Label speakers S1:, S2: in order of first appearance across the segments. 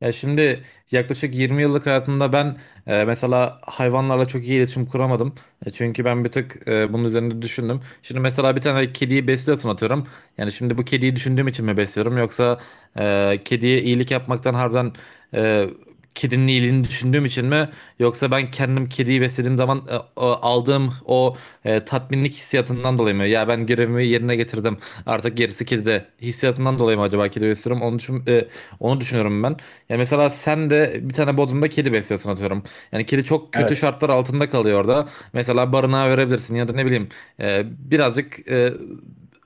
S1: Ya şimdi yaklaşık 20 yıllık hayatımda ben mesela hayvanlarla çok iyi iletişim kuramadım. Çünkü ben bir tık bunun üzerinde düşündüm. Şimdi mesela bir tane kediyi besliyorsun atıyorum. Yani şimdi bu kediyi düşündüğüm için mi besliyorum yoksa kediye iyilik yapmaktan harbiden e, kedinin iyiliğini düşündüğüm için mi, yoksa ben kendim kediyi beslediğim zaman aldığım o tatminlik hissiyatından dolayı mı? Ya ben görevimi yerine getirdim, artık gerisi kedide hissiyatından dolayı mı acaba kedi besliyorum? Onu düşünüyorum ben. Ya mesela sen de bir tane bodrumda kedi besliyorsun atıyorum. Yani kedi çok kötü
S2: Evet.
S1: şartlar altında kalıyor orada. Mesela barınağa verebilirsin ya da ne bileyim e, birazcık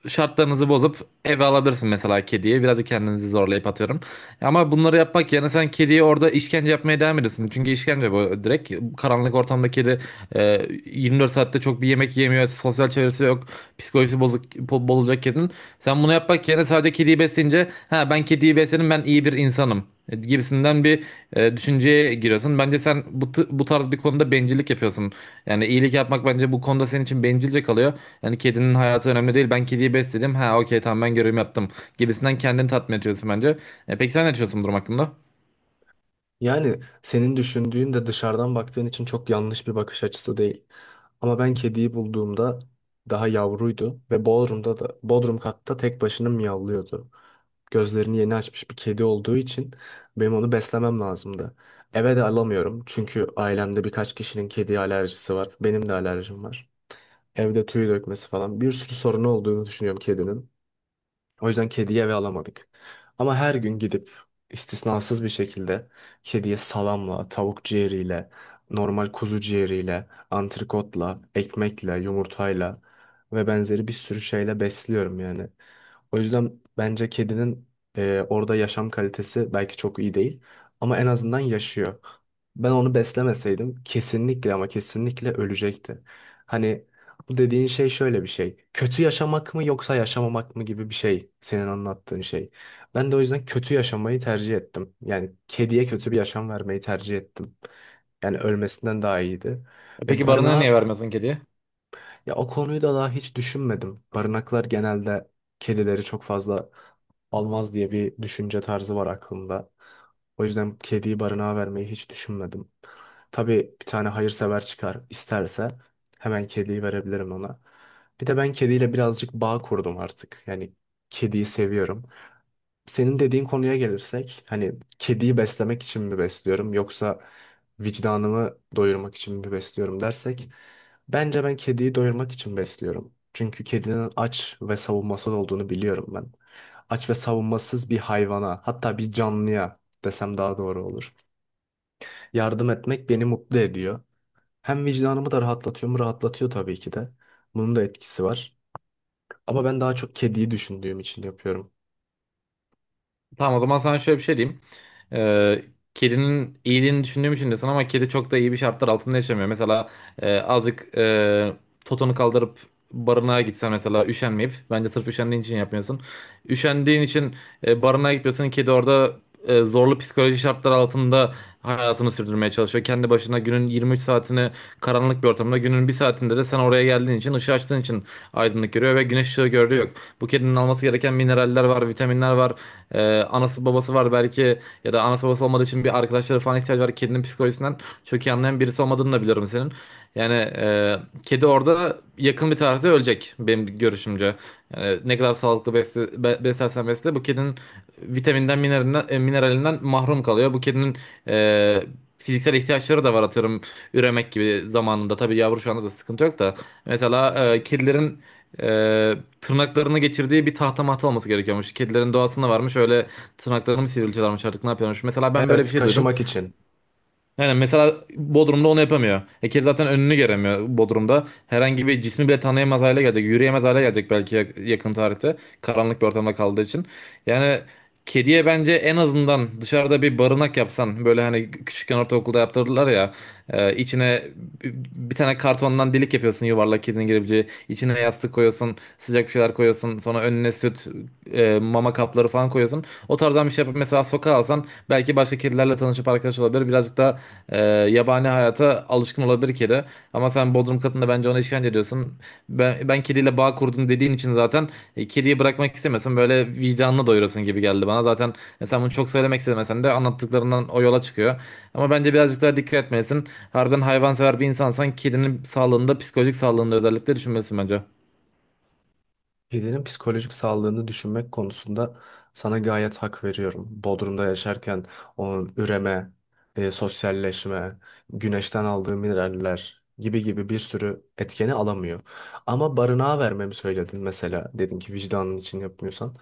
S1: şartlarınızı bozup eve alabilirsin mesela kediyi. Biraz da kendinizi zorlayıp atıyorum. Ama bunları yapmak yerine sen kediye orada işkence yapmaya devam ediyorsun. Çünkü işkence bu, direkt. Karanlık ortamda kedi e, 24 saatte çok bir yemek yemiyor. Sosyal çevresi yok. Psikolojisi bozuk, bozulacak kedinin. Sen bunu yapmak yerine sadece kediyi besleyince, ha, ben kediyi besledim, ben iyi bir insanım, gibisinden bir düşünceye giriyorsun. Bence sen bu tarz bir konuda bencillik yapıyorsun. Yani iyilik yapmak bence bu konuda senin için bencilce kalıyor. Yani kedinin hayatı önemli değil. Ben kediyi besledim. Ha, okey, tamam, ben görevimi yaptım, gibisinden kendini tatmin ediyorsun bence. Peki sen ne düşünüyorsun bu durum hakkında?
S2: Yani senin düşündüğün de dışarıdan baktığın için çok yanlış bir bakış açısı değil. Ama ben kediyi bulduğumda daha yavruydu ve Bodrum'da da Bodrum katta tek başına miyavlıyordu. Gözlerini yeni açmış bir kedi olduğu için benim onu beslemem lazımdı. Eve de alamıyorum çünkü ailemde birkaç kişinin kedi alerjisi var. Benim de alerjim var. Evde tüy dökmesi falan bir sürü sorunu olduğunu düşünüyorum kedinin. O yüzden kediye eve alamadık. Ama her gün gidip istisnasız bir şekilde kediye salamla, tavuk ciğeriyle, normal kuzu ciğeriyle, antrikotla, ekmekle, yumurtayla ve benzeri bir sürü şeyle besliyorum yani. O yüzden bence kedinin orada yaşam kalitesi belki çok iyi değil ama en azından yaşıyor. Ben onu beslemeseydim kesinlikle ama kesinlikle ölecekti. Hani bu dediğin şey şöyle bir şey. Kötü yaşamak mı yoksa yaşamamak mı gibi bir şey senin anlattığın şey. Ben de o yüzden kötü yaşamayı tercih ettim. Yani kediye kötü bir yaşam vermeyi tercih ettim. Yani ölmesinden daha iyiydi. Ve
S1: Peki barını
S2: barınağa
S1: niye vermiyorsun kediye?
S2: ya o konuyu da daha hiç düşünmedim. Barınaklar genelde kedileri çok fazla almaz diye bir düşünce tarzı var aklımda. O yüzden kediyi barınağa vermeyi hiç düşünmedim. Tabii bir tane hayırsever çıkar isterse hemen kediyi verebilirim ona. Bir de ben kediyle birazcık bağ kurdum artık. Yani kediyi seviyorum. Senin dediğin konuya gelirsek, hani kediyi beslemek için mi besliyorum yoksa vicdanımı doyurmak için mi besliyorum dersek, bence ben kediyi doyurmak için besliyorum. Çünkü kedinin aç ve savunmasız olduğunu biliyorum ben. Aç ve savunmasız bir hayvana, hatta bir canlıya desem daha doğru olur. Yardım etmek beni mutlu ediyor. Hem vicdanımı da rahatlatıyor mu? Rahatlatıyor tabii ki de. Bunun da etkisi var. Ama ben daha çok kediyi düşündüğüm için yapıyorum.
S1: Tamam, o zaman sana şöyle bir şey diyeyim. Ee, Kedinin iyiliğini düşündüğüm için de sana, ama kedi çok da iyi bir şartlar altında yaşamıyor. Mesela azıcık totonu kaldırıp barınağa gitsen mesela, üşenmeyip, bence sırf üşendiğin için yapmıyorsun. Üşendiğin için barınağa gitmiyorsun. Kedi orada zorlu psikoloji şartlar altında hayatını sürdürmeye çalışıyor. Kendi başına günün 23 saatini karanlık bir ortamda, günün bir saatinde de sen oraya geldiğin için, ışığı açtığın için aydınlık görüyor ve güneş ışığı gördüğü yok. Bu kedinin alması gereken mineraller var, vitaminler var. Anası babası var belki ya da anası babası olmadığı için bir arkadaşları falan ihtiyacı var. Kedinin psikolojisinden çok iyi anlayan birisi olmadığını da biliyorum senin. Yani kedi orada yakın bir tarihte ölecek benim görüşümce. Yani ne kadar sağlıklı beslersen besle, bu kedinin vitaminden, mineralinden, mineralinden mahrum kalıyor. Bu kedinin e, fiziksel ihtiyaçları da var, atıyorum üremek gibi zamanında. Tabii yavru şu anda da sıkıntı yok da. Mesela kedilerin e, tırnaklarını geçirdiği bir tahta mahta olması gerekiyormuş. Kedilerin doğasında varmış öyle, tırnaklarını mı sivriltiyorlarmış artık ne yapıyormuş. Mesela ben böyle bir
S2: Evet,
S1: şey duydum.
S2: kaşımak için.
S1: Yani mesela Bodrum'da onu yapamıyor. Hekel zaten önünü göremiyor Bodrum'da. Herhangi bir cismi bile tanıyamaz hale gelecek. Yürüyemez hale gelecek belki yakın tarihte. Karanlık bir ortamda kaldığı için. Yani kediye bence en azından dışarıda bir barınak yapsan, böyle hani küçükken ortaokulda yaptırdılar ya, içine bir bir tane kartondan delik yapıyorsun yuvarlak, kedinin girebileceği, içine yastık koyuyorsun, sıcak bir şeyler koyuyorsun, sonra önüne süt, mama kapları falan koyuyorsun, o tarzdan bir şey yapıp mesela sokağa alsan, belki başka kedilerle tanışıp arkadaş olabilir, birazcık da yabani hayata alışkın olabilir kedi. Ama sen Bodrum katında bence ona işkence ediyorsun. Ben kediyle bağ kurdum dediğin için zaten kediyi bırakmak istemesin, böyle vicdanını doyurasın gibi geldi bana. Zaten sen bunu çok söylemek istemesen de anlattıklarından o yola çıkıyor. Ama bence birazcık daha dikkat etmelisin. Harbiden hayvansever bir insansan kedinin sağlığında, psikolojik sağlığında özellikle düşünmelisin bence.
S2: Kedinin psikolojik sağlığını düşünmek konusunda sana gayet hak veriyorum. Bodrum'da yaşarken onun üreme, sosyalleşme, güneşten aldığı mineraller gibi gibi bir sürü etkeni alamıyor. Ama barınağa vermemi söyledin mesela. Dedin ki vicdanın için yapmıyorsan.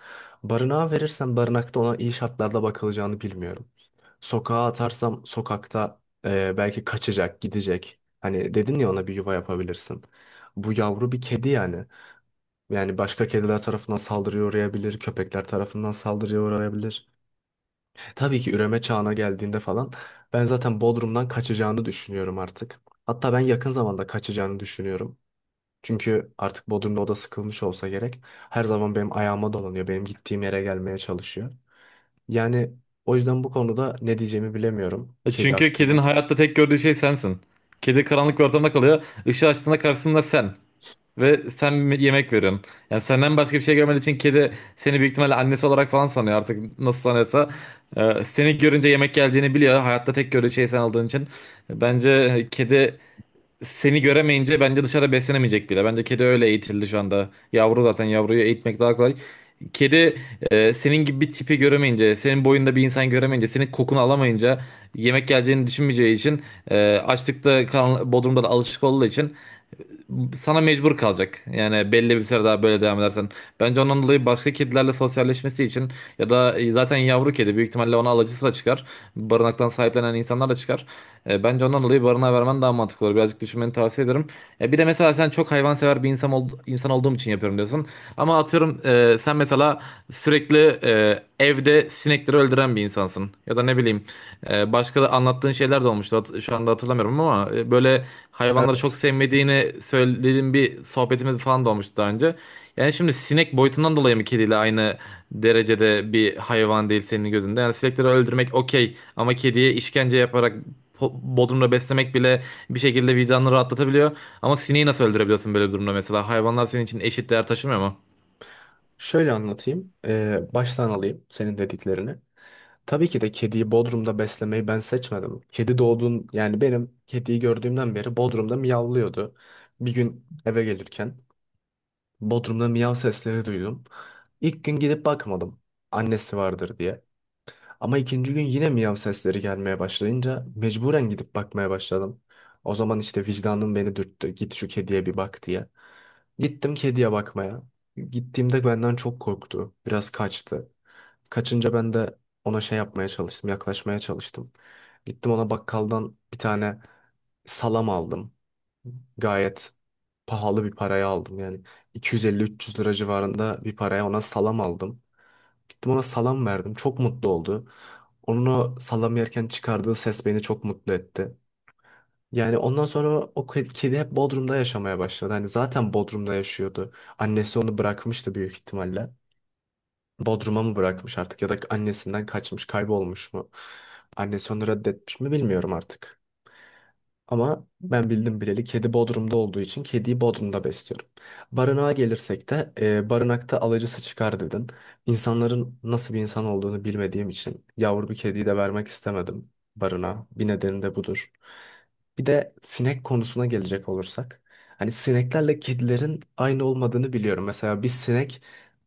S2: Barınağa verirsen barınakta ona iyi şartlarda bakılacağını bilmiyorum. Sokağa atarsam sokakta belki kaçacak, gidecek. Hani dedin ya ona bir yuva yapabilirsin. Bu yavru bir kedi yani. Yani başka kediler tarafından saldırıya uğrayabilir, köpekler tarafından saldırıya uğrayabilir. Tabii ki üreme çağına geldiğinde falan ben zaten Bodrum'dan kaçacağını düşünüyorum artık. Hatta ben yakın zamanda kaçacağını düşünüyorum. Çünkü artık Bodrum'da o da sıkılmış olsa gerek. Her zaman benim ayağıma dolanıyor, benim gittiğim yere gelmeye çalışıyor. Yani o yüzden bu konuda ne diyeceğimi bilemiyorum kedi
S1: Çünkü kedinin
S2: hakkında.
S1: hayatta tek gördüğü şey sensin. Kedi karanlık bir ortamda kalıyor. Işığı açtığında karşısında sen. Ve sen bir yemek verin. Yani senden başka bir şey görmediği için kedi seni büyük ihtimalle annesi olarak falan sanıyor, artık nasıl sanıyorsa. Seni görünce yemek geleceğini biliyor. Hayatta tek gördüğü şey sen olduğun için. Bence kedi seni göremeyince bence dışarı beslenemeyecek bile. Bence kedi öyle eğitildi şu anda. Yavru zaten, yavruyu eğitmek daha kolay. Kedi senin gibi bir tipi göremeyince, senin boyunda bir insan göremeyince, senin kokunu alamayınca, yemek geleceğini düşünmeyeceği için, açlıkta, bodrumda da alışık olduğu için sana mecbur kalacak. Yani belli bir süre daha böyle devam edersen. Bence ondan dolayı başka kedilerle sosyalleşmesi için ya da zaten yavru kedi, büyük ihtimalle ona alıcısı da çıkar. Barınaktan sahiplenen insanlar da çıkar. Bence ondan dolayı barınağa vermen daha mantıklı olur. Birazcık düşünmeni tavsiye ederim. Bir de mesela sen çok hayvansever bir insan olduğum için yapıyorum diyorsun. Ama atıyorum sen mesela sürekli evde sinekleri öldüren bir insansın. Ya da ne bileyim, başka da anlattığın şeyler de olmuştu. Şu anda hatırlamıyorum ama böyle hayvanları çok
S2: Evet,
S1: sevmediğini söylediğin bir sohbetimiz falan da olmuştu daha önce. Yani şimdi sinek boyutundan dolayı mı kediyle aynı derecede bir hayvan değil senin gözünde? Yani sinekleri öldürmek okey, ama kediye işkence yaparak bodrumda beslemek bile bir şekilde vicdanını rahatlatabiliyor. Ama sineği nasıl öldürebiliyorsun böyle bir durumda mesela? Hayvanlar senin için eşit değer taşımıyor mu?
S2: şöyle anlatayım. Baştan alayım senin dediklerini. Tabii ki de kediyi Bodrum'da beslemeyi ben seçmedim. Kedi doğduğun yani benim kediyi gördüğümden beri Bodrum'da miyavlıyordu. Bir gün eve gelirken Bodrum'da miyav sesleri duydum. İlk gün gidip bakmadım annesi vardır diye. Ama ikinci gün yine miyav sesleri gelmeye başlayınca mecburen gidip bakmaya başladım. O zaman işte vicdanım beni dürttü. Git şu kediye bir bak diye. Gittim kediye bakmaya. Gittiğimde benden çok korktu. Biraz kaçtı. Kaçınca ben de ona şey yapmaya çalıştım, yaklaşmaya çalıştım. Gittim ona bakkaldan bir tane salam aldım. Gayet pahalı bir paraya aldım. Yani 250-300 lira civarında bir paraya ona salam aldım. Gittim ona salam verdim. Çok mutlu oldu. Onun o salam yerken çıkardığı ses beni çok mutlu etti. Yani ondan sonra kedi hep Bodrum'da yaşamaya başladı. Hani zaten Bodrum'da yaşıyordu. Annesi onu bırakmıştı büyük ihtimalle. Bodrum'a mı bırakmış artık ya da annesinden kaçmış, kaybolmuş mu? Annesi onu reddetmiş mi bilmiyorum artık. Ama ben bildim bileli kedi Bodrum'da olduğu için kediyi Bodrum'da besliyorum. Barınağa gelirsek de barınakta alıcısı çıkar dedin. İnsanların nasıl bir insan olduğunu bilmediğim için yavru bir kediyi de vermek istemedim barınağa. Bir nedeni de budur. Bir de sinek konusuna gelecek olursak. Hani sineklerle kedilerin aynı olmadığını biliyorum. Mesela bir sinek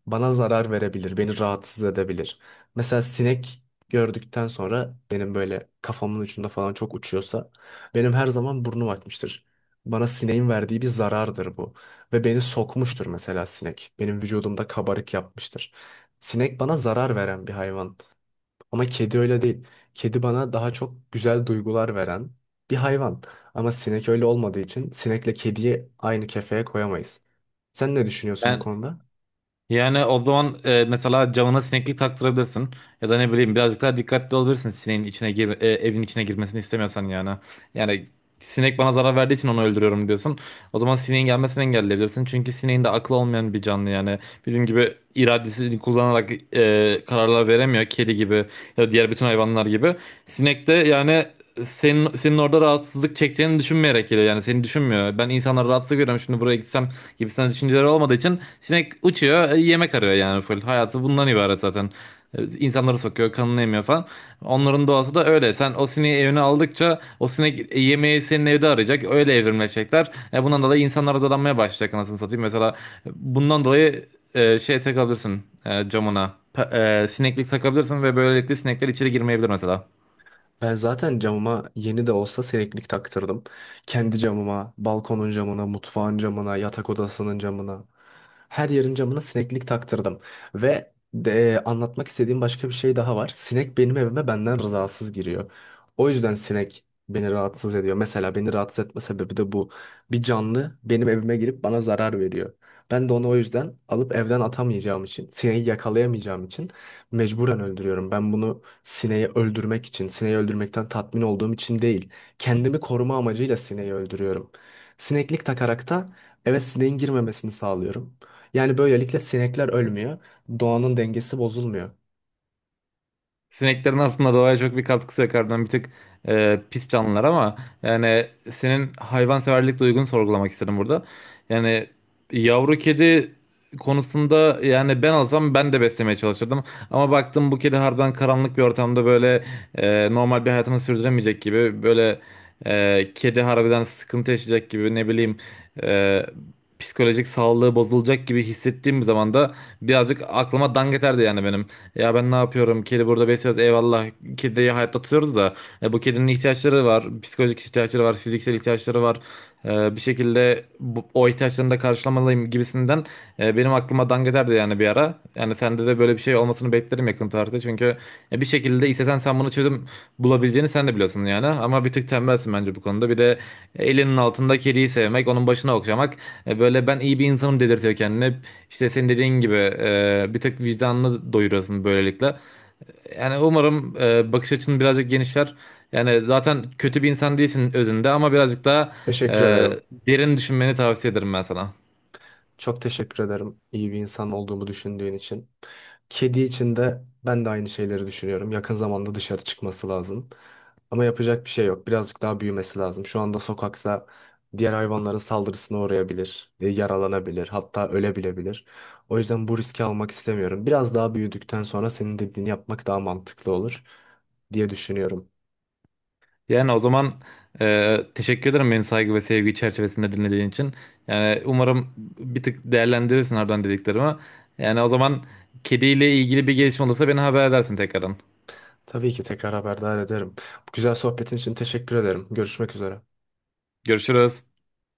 S2: bana zarar verebilir, beni rahatsız edebilir. Mesela sinek gördükten sonra benim böyle kafamın ucunda falan çok uçuyorsa benim her zaman burnum akmıştır. Bana sineğin verdiği bir zarardır bu. Ve beni sokmuştur mesela sinek. Benim vücudumda kabarık yapmıştır. Sinek bana zarar veren bir hayvan. Ama kedi öyle değil. Kedi bana daha çok güzel duygular veren bir hayvan. Ama sinek öyle olmadığı için sinekle kediyi aynı kefeye koyamayız. Sen ne düşünüyorsun bu
S1: Ben
S2: konuda?
S1: Yani o zaman mesela camına sineklik taktırabilirsin. Ya da ne bileyim, birazcık daha dikkatli olabilirsin, sineğin evin içine girmesini istemiyorsan yani. Yani sinek bana zarar verdiği için onu öldürüyorum diyorsun. O zaman sineğin gelmesini engelleyebilirsin. Çünkü sineğin de aklı olmayan bir canlı yani. Bizim gibi iradesini kullanarak kararlar veremiyor. Kedi gibi ya da diğer bütün hayvanlar gibi. Sinek de yani senin orada rahatsızlık çekeceğini düşünmeyerek geliyor, yani seni düşünmüyor. Ben insanlara rahatsızlık veriyorum şimdi buraya gitsem gibisinden düşünceleri olmadığı için sinek uçuyor, yemek arıyor, yani full. Hayatı bundan ibaret zaten. İnsanları sokuyor, kanını emiyor falan. Onların doğası da öyle. Sen o sineği evine aldıkça o sinek yemeği senin evde arayacak. Öyle evrimleşecekler. E, bundan dolayı insanlara dadanmaya başlayacak anasını satayım. Mesela bundan dolayı takabilirsin camına. Sineklik takabilirsin ve böylelikle sinekler içeri girmeyebilir mesela.
S2: Ben zaten camıma yeni de olsa sineklik taktırdım. Kendi camıma, balkonun camına, mutfağın camına, yatak odasının camına. Her yerin camına sineklik taktırdım. Ve de, anlatmak istediğim başka bir şey daha var. Sinek benim evime benden rızasız giriyor. O yüzden sinek beni rahatsız ediyor. Mesela beni rahatsız etme sebebi de bu. Bir canlı benim evime girip bana zarar veriyor. Ben de onu o yüzden alıp evden atamayacağım için, sineği yakalayamayacağım için mecburen öldürüyorum. Ben bunu sineği öldürmek için, sineği öldürmekten tatmin olduğum için değil. Kendimi koruma amacıyla sineği öldürüyorum. Sineklik takarak da eve sineğin girmemesini sağlıyorum. Yani böylelikle sinekler ölmüyor, doğanın dengesi bozulmuyor.
S1: Sineklerin aslında doğaya çok bir katkısı yok. Harbiden bir tık pis canlılar, ama yani senin hayvanseverlik duygunu sorgulamak istedim burada. Yani yavru kedi konusunda, yani ben olsam ben de beslemeye çalışırdım. Ama baktım bu kedi harbiden karanlık bir ortamda böyle normal bir hayatını sürdüremeyecek gibi, böyle kedi harbiden sıkıntı yaşayacak gibi, ne bileyim e, psikolojik sağlığı bozulacak gibi hissettiğim bir zaman da birazcık aklıma dangeterdi yani benim. Ya ben ne yapıyorum? Kedi burada besliyoruz. Eyvallah. Kediyi hayatta tutuyoruz da bu kedinin ihtiyaçları var. Psikolojik ihtiyaçları var. Fiziksel ihtiyaçları var. Bir şekilde o ihtiyaçlarını da karşılamalıyım gibisinden benim aklıma dangeterdi yani bir ara. Yani sende de böyle bir şey olmasını beklerim yakın tarihte. Çünkü ya bir şekilde istesen sen bunu çözüm bulabileceğini sen de biliyorsun yani. Ama bir tık tembelsin bence bu konuda. Bir de elinin altında kediyi sevmek, onun başına okşamak, böyle ben iyi bir insanım dedirtiyor kendine. İşte senin dediğin gibi bir tık vicdanını doyuruyorsun böylelikle. Yani umarım bakış açın birazcık genişler. Yani zaten kötü bir insan değilsin özünde, ama birazcık daha e,
S2: Teşekkür ederim.
S1: derin düşünmeni tavsiye ederim ben sana.
S2: Çok teşekkür ederim iyi bir insan olduğumu düşündüğün için. Kedi için de ben de aynı şeyleri düşünüyorum. Yakın zamanda dışarı çıkması lazım. Ama yapacak bir şey yok. Birazcık daha büyümesi lazım. Şu anda sokakta diğer hayvanların saldırısına uğrayabilir, yaralanabilir, hatta ölebilebilir. O yüzden bu riski almak istemiyorum. Biraz daha büyüdükten sonra senin dediğini yapmak daha mantıklı olur diye düşünüyorum.
S1: Yani o zaman teşekkür ederim beni saygı ve sevgi çerçevesinde dinlediğin için. Yani umarım bir tık değerlendirirsin oradan dediklerimi. Yani o zaman kediyle ilgili bir gelişme olursa beni haber edersin tekrardan.
S2: Tabii ki tekrar haberdar ederim. Bu güzel sohbetin için teşekkür ederim. Görüşmek üzere.
S1: Görüşürüz.